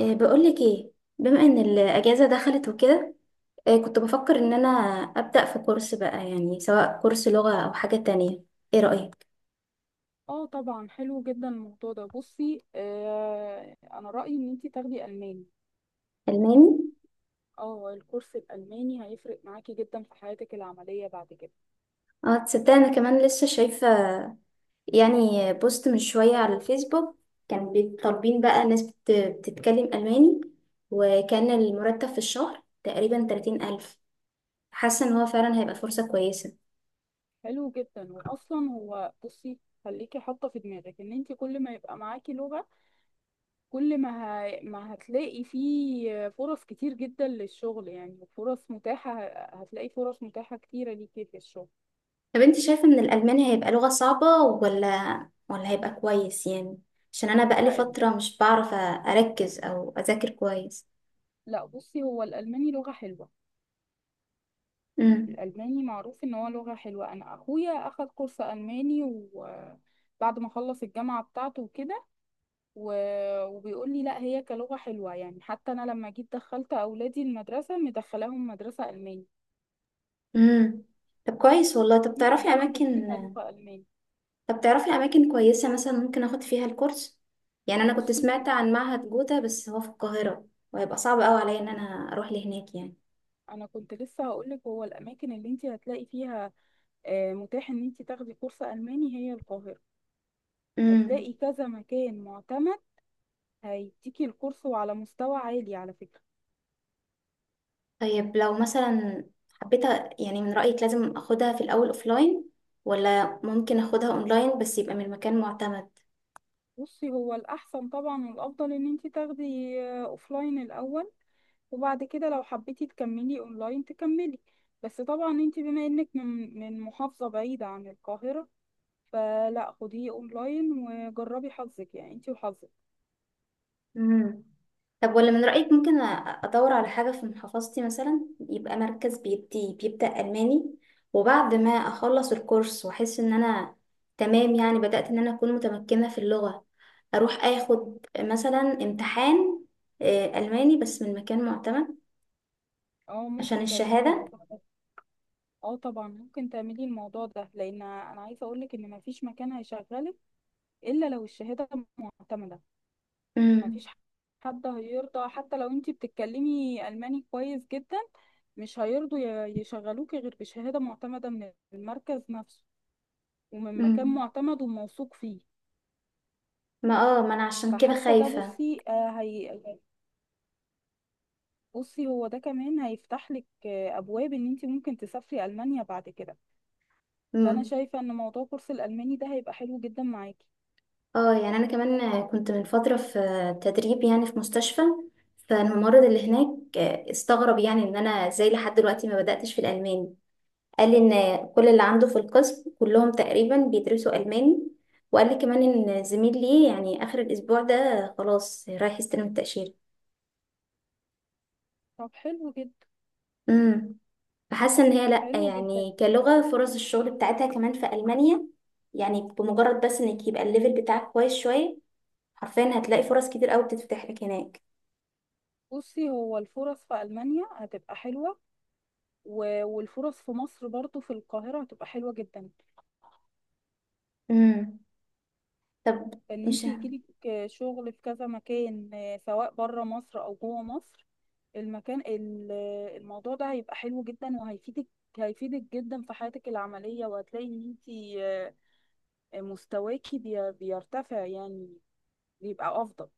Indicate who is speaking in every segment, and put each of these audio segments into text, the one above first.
Speaker 1: إيه، بقولك ايه. بما ان الاجازه دخلت وكده. إيه، كنت بفكر ان انا ابدا في كورس بقى يعني سواء كورس لغه او حاجه تانية. ايه رايك؟
Speaker 2: اه طبعا حلو جدا الموضوع ده. بصي، انا رأيي ان انتي تاخدي الماني.
Speaker 1: الماني.
Speaker 2: اه الكورس الالماني هيفرق معاكي جدا في حياتك العملية بعد كده.
Speaker 1: اه، تصدق انا كمان لسه شايفه يعني بوست من شويه على الفيسبوك. كان طالبين بقى ناس بتتكلم الماني. وكان المرتب في الشهر تقريبا 30000. حاسه ان هو فعلا هيبقى فرصه كويسه.
Speaker 2: حلو جدا، واصلا هو بصي خليكي حاطه في دماغك ان انتي كل ما يبقى معاكي لغة، كل ما ما هتلاقي فيه فرص كتير جدا للشغل. يعني فرص متاحة هتلاقي فرص متاحة كتيرة ليكي في الشغل.
Speaker 1: طب انت شايفة ان الألماني هيبقى لغة صعبة ولا هيبقى كويس يعني؟ عشان انا بقالي
Speaker 2: لا ال-
Speaker 1: فترة مش بعرف اركز او اذاكر كويس.
Speaker 2: لا بصي هو الالماني لغة حلوة.
Speaker 1: امم.
Speaker 2: الألماني معروف إن هو لغة حلوة. أنا أخويا أخد كورس ألماني، وبعد ما خلص الجامعة بتاعته وكده و... وبيقول لي لا، هي كلغة حلوة. يعني حتى أنا لما جيت دخلت أولادي المدرسة مدخلاهم مدرسة ألماني.
Speaker 1: امم. طب كويس والله. طب تعرفي
Speaker 2: بياخدوا
Speaker 1: اماكن؟
Speaker 2: فيها لغة ألماني.
Speaker 1: طب تعرفي اماكن كويسة مثلا ممكن اخد فيها الكورس؟ يعني انا كنت
Speaker 2: بصي
Speaker 1: سمعت
Speaker 2: هو-
Speaker 1: عن معهد جوتا بس هو في القاهرة، وهيبقى صعب قوي عليا ان انا اروح لهناك يعني.
Speaker 2: أنا كنت لسه هقولك هو الأماكن اللي أنت هتلاقي فيها متاح ان انت تاخدي كورس الماني هي القاهره.
Speaker 1: امم.
Speaker 2: هتلاقي كذا مكان معتمد هيديكي الكورس، وعلى مستوى عالي على فكره.
Speaker 1: طيب لو مثلا حبيت يعني من رأيك لازم اخدها في الاول اوفلاين ولا ممكن اخدها اونلاين بس يبقى من مكان معتمد؟
Speaker 2: بصي هو الأحسن طبعا والأفضل إن انتي تاخدي أوفلاين الأول. وبعد كده لو حبيتي تكملي اونلاين تكملي. بس طبعا انت بما انك من محافظة بعيدة عن القاهرة، فلا خديه اونلاين وجربي حظك يعني انت وحظك.
Speaker 1: امم. طب ولا من رأيك ممكن ادور على حاجة في محافظتي مثلا، يبقى مركز بيدي بيبدأ ألماني، وبعد ما اخلص الكورس واحس ان انا تمام يعني بدأت ان انا اكون متمكنة في اللغة، اروح اخد مثلا امتحان ألماني بس من مكان معتمد
Speaker 2: اه،
Speaker 1: عشان
Speaker 2: ممكن تعملي
Speaker 1: الشهادة؟
Speaker 2: الموضوع ده. اه طبعا، ممكن تعملي الموضوع ده، لان انا عايزة اقولك ان مفيش مكان هيشغلك الا لو الشهادة معتمدة. مفيش حد هيرضى حتى لو انتي بتتكلمي ألماني كويس جدا، مش هيرضوا يشغلوكي غير بشهادة معتمدة من المركز نفسه، ومن مكان
Speaker 1: امم.
Speaker 2: معتمد وموثوق فيه.
Speaker 1: ما انا عشان كده
Speaker 2: فحتى ده
Speaker 1: خايفة.
Speaker 2: بصي آه، هي بصي هو ده كمان هيفتح لك أبواب إن انتي ممكن تسافري ألمانيا بعد كده. فأنا
Speaker 1: امم.
Speaker 2: شايفة إن موضوع كورس الألماني ده هيبقى حلو جدا معاكي.
Speaker 1: اه، يعني انا كمان كنت من فترة في تدريب يعني في مستشفى. فالممرض اللي هناك استغرب يعني ان انا ازاي لحد دلوقتي ما بدأتش في الالماني. قال لي ان كل اللي عنده في القسم كلهم تقريبا بيدرسوا الماني، وقال لي كمان ان زميل ليه يعني اخر الاسبوع ده خلاص رايح يستلم التأشيرة.
Speaker 2: طب حلو جدا.
Speaker 1: امم. فحاسة ان هي لا
Speaker 2: حلو جدا.
Speaker 1: يعني كلغة فرص الشغل بتاعتها كمان في ألمانيا، يعني بمجرد بس انك يبقى الليفل بتاعك كويس شوية حرفيا هتلاقي فرص كتير قوي بتتفتح لك هناك.
Speaker 2: بصي هو الفرص في ألمانيا هتبقى حلوة، والفرص في مصر برضو في القاهرة هتبقى حلوة جدا.
Speaker 1: امم. طب
Speaker 2: ان
Speaker 1: مش
Speaker 2: انت
Speaker 1: ه-
Speaker 2: يجيلك شغل في كذا مكان، سواء بره مصر او جوه مصر. المكان ال- آه، الموضوع ده هيبقى حلو جدا وهيفيدك. هيفيدك جدا في حياتك العملية، وهتلاقي ان انت مستواكي بيرتفع يعني، بيبقى افضل.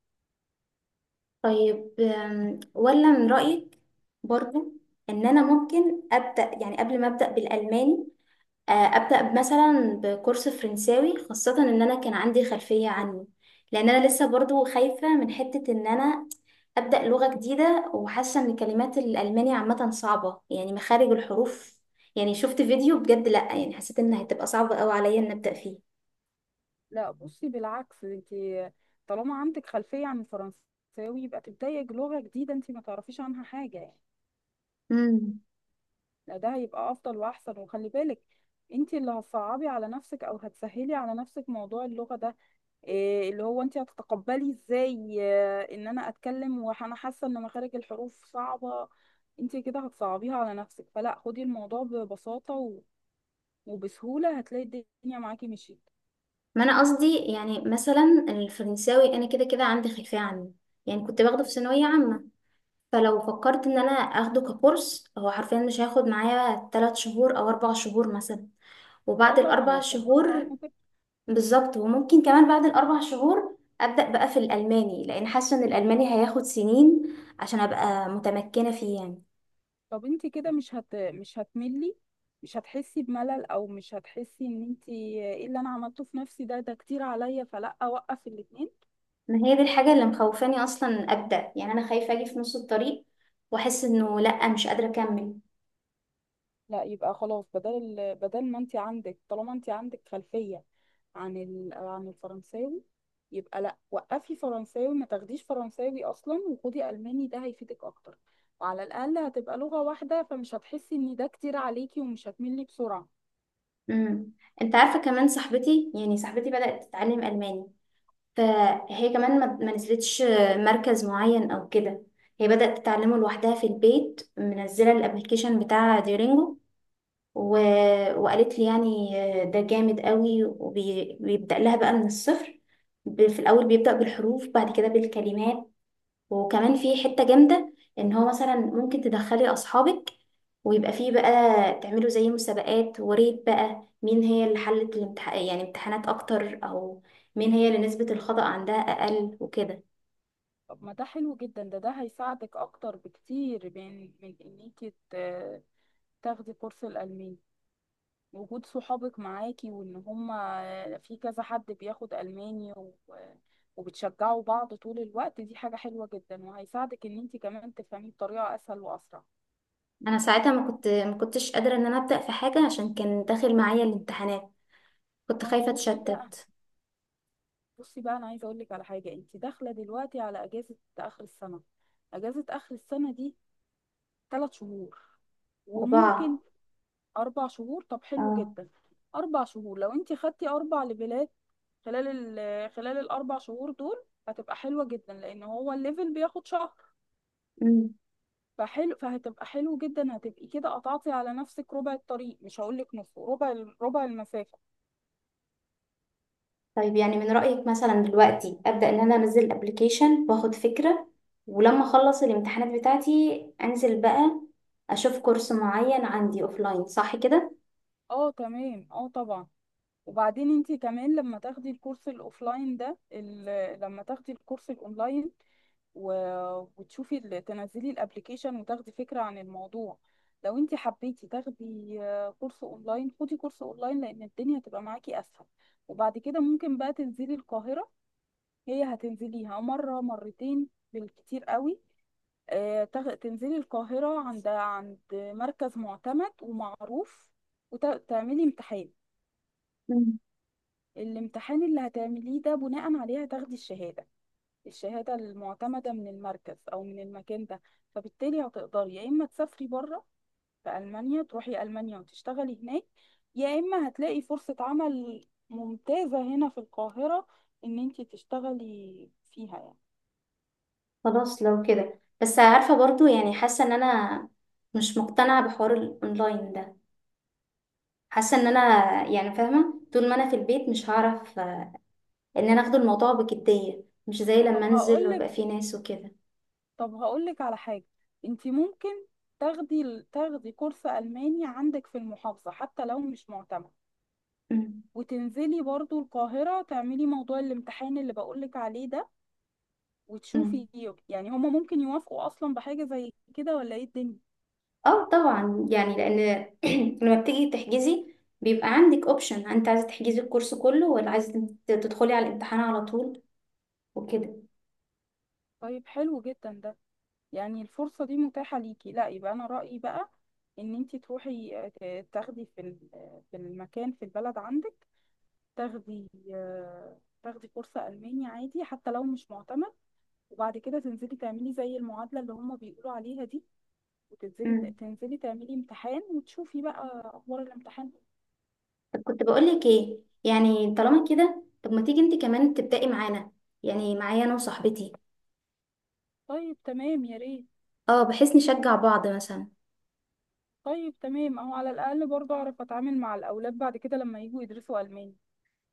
Speaker 1: طيب ولا من رأيك برضو ان انا ممكن ابدا يعني قبل ما ابدا بالالماني، ابدا مثلا بكورس فرنساوي خاصه ان انا كان عندي خلفيه عنه؟ لان انا لسه برضو خايفه من حته ان انا ابدا لغه جديده وحاسه ان كلمات الالماني عامه صعبه يعني مخارج الحروف. يعني شفت فيديو بجد لا يعني حسيت انها هتبقى صعبه قوي عليا ان ابدا.
Speaker 2: لا بصي بالعكس، انت طالما عندك خلفية عن الفرنساوي، يبقى تبدأي لغة جديدة انت ما تعرفيش عنها حاجة يعني.
Speaker 1: فيه.
Speaker 2: لا، ده هيبقى افضل واحسن. وخلي بالك انت اللي هتصعبي على نفسك او هتسهلي على نفسك موضوع اللغة ده. إيه اللي هو انت هتتقبلي ازاي ان انا اتكلم وانا حاسة ان مخارج الحروف صعبة. انت كده هتصعبيها على نفسك. فلا خدي الموضوع ببساطة وبسهولة هتلاقي الدنيا معاكي مشيت.
Speaker 1: ما انا قصدي يعني مثلا الفرنساوي انا كده كده عندي خلفيه عنه، يعني كنت باخده في ثانويه عامه. فلو فكرت ان انا اخده ككورس هو حرفيا مش هياخد معايا 3 شهور او 4 شهور مثلا،
Speaker 2: اه
Speaker 1: وبعد
Speaker 2: طبعا،
Speaker 1: الاربع
Speaker 2: عشان غصب عنك
Speaker 1: شهور
Speaker 2: كده.
Speaker 1: بالظبط. وممكن كمان بعد الاربع شهور ابدا بقى في الالماني لان حاسه ان الالماني هياخد سنين عشان ابقى متمكنه فيه يعني.
Speaker 2: طب انت كده مش هتملي، مش هتحسي بملل او مش هتحسي ان انت ايه اللي انا عملته في نفسي، ده كتير عليا فلا اوقف الاتنين.
Speaker 1: ما هي دي الحاجه اللي مخوفاني اصلا ابدا، يعني انا خايفه اجي في نص الطريق واحس انه لا مش قادره اكمل.
Speaker 2: لا يبقى خلاص، بدل ما انت عندك طالما انت عندك خلفية عن الفرنساوي، يبقى لا وقفي فرنساوي، ما تاخديش فرنساوي اصلا، وخدي الماني ده هيفيدك اكتر. وعلى الاقل هتبقى لغة واحدة، فمش هتحسي ان ده كتير عليكي ومش هتملي بسرعة.
Speaker 1: امم. انت عارفه كمان صاحبتي، يعني صاحبتي بدات تتعلم الماني، فهي كمان ما نزلتش مركز معين او كده. هي بدات تتعلمه لوحدها في البيت منزله الابلكيشن بتاع ديورينجو و... وقالت لي يعني ده جامد قوي وبيبدا لها بقى من الصفر. في الاول بيبدا بالحروف بعد كده بالكلمات. وكمان في حتة جامدة ان هو مثلا ممكن تدخلي اصحابك ويبقى فيه بقى تعملوا زي مسابقات وريت بقى مين هي اللي حلت يعني امتحانات اكتر، او مين هي اللي نسبة الخطأ عندها اقل وكده.
Speaker 2: طب ما ده حلو جدا، ده هيساعدك اكتر بكتير من انك تاخدي كورس الالماني. وجود صحابك معاكي وان هما في كذا حد بياخد الماني وبتشجعوا بعض طول الوقت، دي حاجة حلوة جدا وهيساعدك ان انت كمان تفهميه بطريقة اسهل واسرع.
Speaker 1: انا ساعتها ما كنتش قادرة ان انا ابدأ في حاجة عشان كان داخل معايا الامتحانات، كنت
Speaker 2: ما هو
Speaker 1: خايفة اتشتت.
Speaker 2: بصي بقى انا عايزة اقول لك على حاجة، انت داخلة دلوقتي على اجازة اخر السنة. اجازة اخر السنة دي 3 شهور، وممكن
Speaker 1: أربعة.
Speaker 2: 4 شهور. طب حلو
Speaker 1: اه.
Speaker 2: جدا. 4 شهور لو أنت خدتي 4 ليفلات خلال خلال الـ 4 شهور دول، هتبقى حلوة جدا لأن هو الليفل بياخد شهر. فهتبقى حلو جدا، هتبقي كده قطعتي على نفسك ربع الطريق، مش هقولك نص، ربع المسافة.
Speaker 1: طيب يعني من رأيك مثلا دلوقتي أبدأ إن أنا أنزل الأبليكيشن وآخد فكرة، ولما أخلص الامتحانات بتاعتي أنزل بقى أشوف كورس معين عندي أوفلاين، صح كده؟
Speaker 2: اه تمام، اه طبعا. وبعدين انت كمان لما تاخدي الكورس الاوفلاين ده، لما تاخدي الكورس الاونلاين وتشوفي تنزلي الابليكيشن وتاخدي فكرة عن الموضوع. لو انت حبيتي تاخدي كورس اونلاين، خدي كورس اونلاين لان الدنيا هتبقى معاكي اسهل. وبعد كده ممكن بقى تنزلي القاهرة، هي هتنزليها مرة مرتين بالكتير قوي. تنزلي القاهرة عند مركز معتمد ومعروف وتعملي امتحان.
Speaker 1: مم.
Speaker 2: الامتحان اللي هتعمليه ده بناء عليه هتاخدي الشهادة المعتمدة من المركز أو من المكان ده. فبالتالي هتقدري يا إما تسافري بره في ألمانيا، تروحي ألمانيا وتشتغلي هناك، يا إما هتلاقي فرصة عمل ممتازة هنا في القاهرة إن أنت تشتغلي فيها يعني.
Speaker 1: خلاص لو كده، بس عارفة برضو يعني حاسة إن أنا مش مقتنعة بحوار الأونلاين ده. حاسة إن أنا يعني فاهمة طول ما أنا في البيت مش هعرف إن أنا أخد الموضوع بجدية مش زي لما
Speaker 2: طب
Speaker 1: أنزل
Speaker 2: هقولك
Speaker 1: ويبقى فيه ناس وكده.
Speaker 2: طب هقولك على حاجة، أنت ممكن تاخدي كورس ألماني عندك في المحافظة حتى لو مش معتمد.
Speaker 1: مم.
Speaker 2: وتنزلي برضو القاهرة تعملي موضوع الامتحان اللي بقولك عليه ده
Speaker 1: مم.
Speaker 2: وتشوفي. يعني هما ممكن يوافقوا اصلا بحاجة زي كده، ولا ايه الدنيا؟
Speaker 1: اه طبعا يعني لان لما بتيجي تحجزي بيبقى عندك اوبشن انت عايزه تحجزي الكورس كله ولا عايزه تدخلي على الامتحان على طول وكده.
Speaker 2: طيب حلو جدا ده، يعني الفرصة دي متاحة ليكي، لا يبقى انا رأيي بقى ان انتي تروحي تاخدي في ال- آه، في المكان في البلد عندك. تاخدي تاخدي كورس ألماني عادي حتى لو مش معتمد. وبعد كده تنزلي تعملي زي المعادلة اللي هما بيقولوا عليها دي، وتنزلي
Speaker 1: امم.
Speaker 2: تنزلي تعملي امتحان وتشوفي بقى أخبار الامتحان.
Speaker 1: طب كنت بقول لك ايه، يعني طالما كده، طب ما تيجي انت كمان تبدأي معانا يعني معايا انا وصاحبتي.
Speaker 2: طيب تمام، يا ريت.
Speaker 1: اه بحيث نشجع بعض مثلا.
Speaker 2: طيب تمام، اهو على الاقل برضه اعرف اتعامل مع الاولاد بعد كده لما يجوا يدرسوا الماني.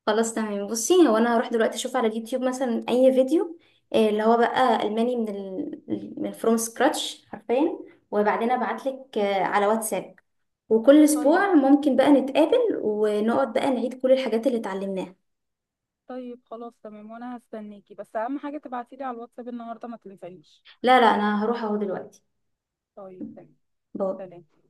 Speaker 1: خلاص تمام. بصي هو انا هروح دلوقتي اشوف على اليوتيوب مثلا اي فيديو اللي هو بقى الماني من فروم سكراتش حرفيا، وبعدين ابعت لك على واتساب. وكل
Speaker 2: طيب،
Speaker 1: اسبوع ممكن بقى نتقابل ونقعد بقى نعيد كل الحاجات اللي اتعلمناها.
Speaker 2: طيب، خلاص تمام. وانا هستناكي، بس اهم حاجه تبعتيلي على الواتساب النهارده ما تنسانيش.
Speaker 1: لا لا انا هروح اهو دلوقتي.
Speaker 2: طيب
Speaker 1: باي.
Speaker 2: تمام، سلام.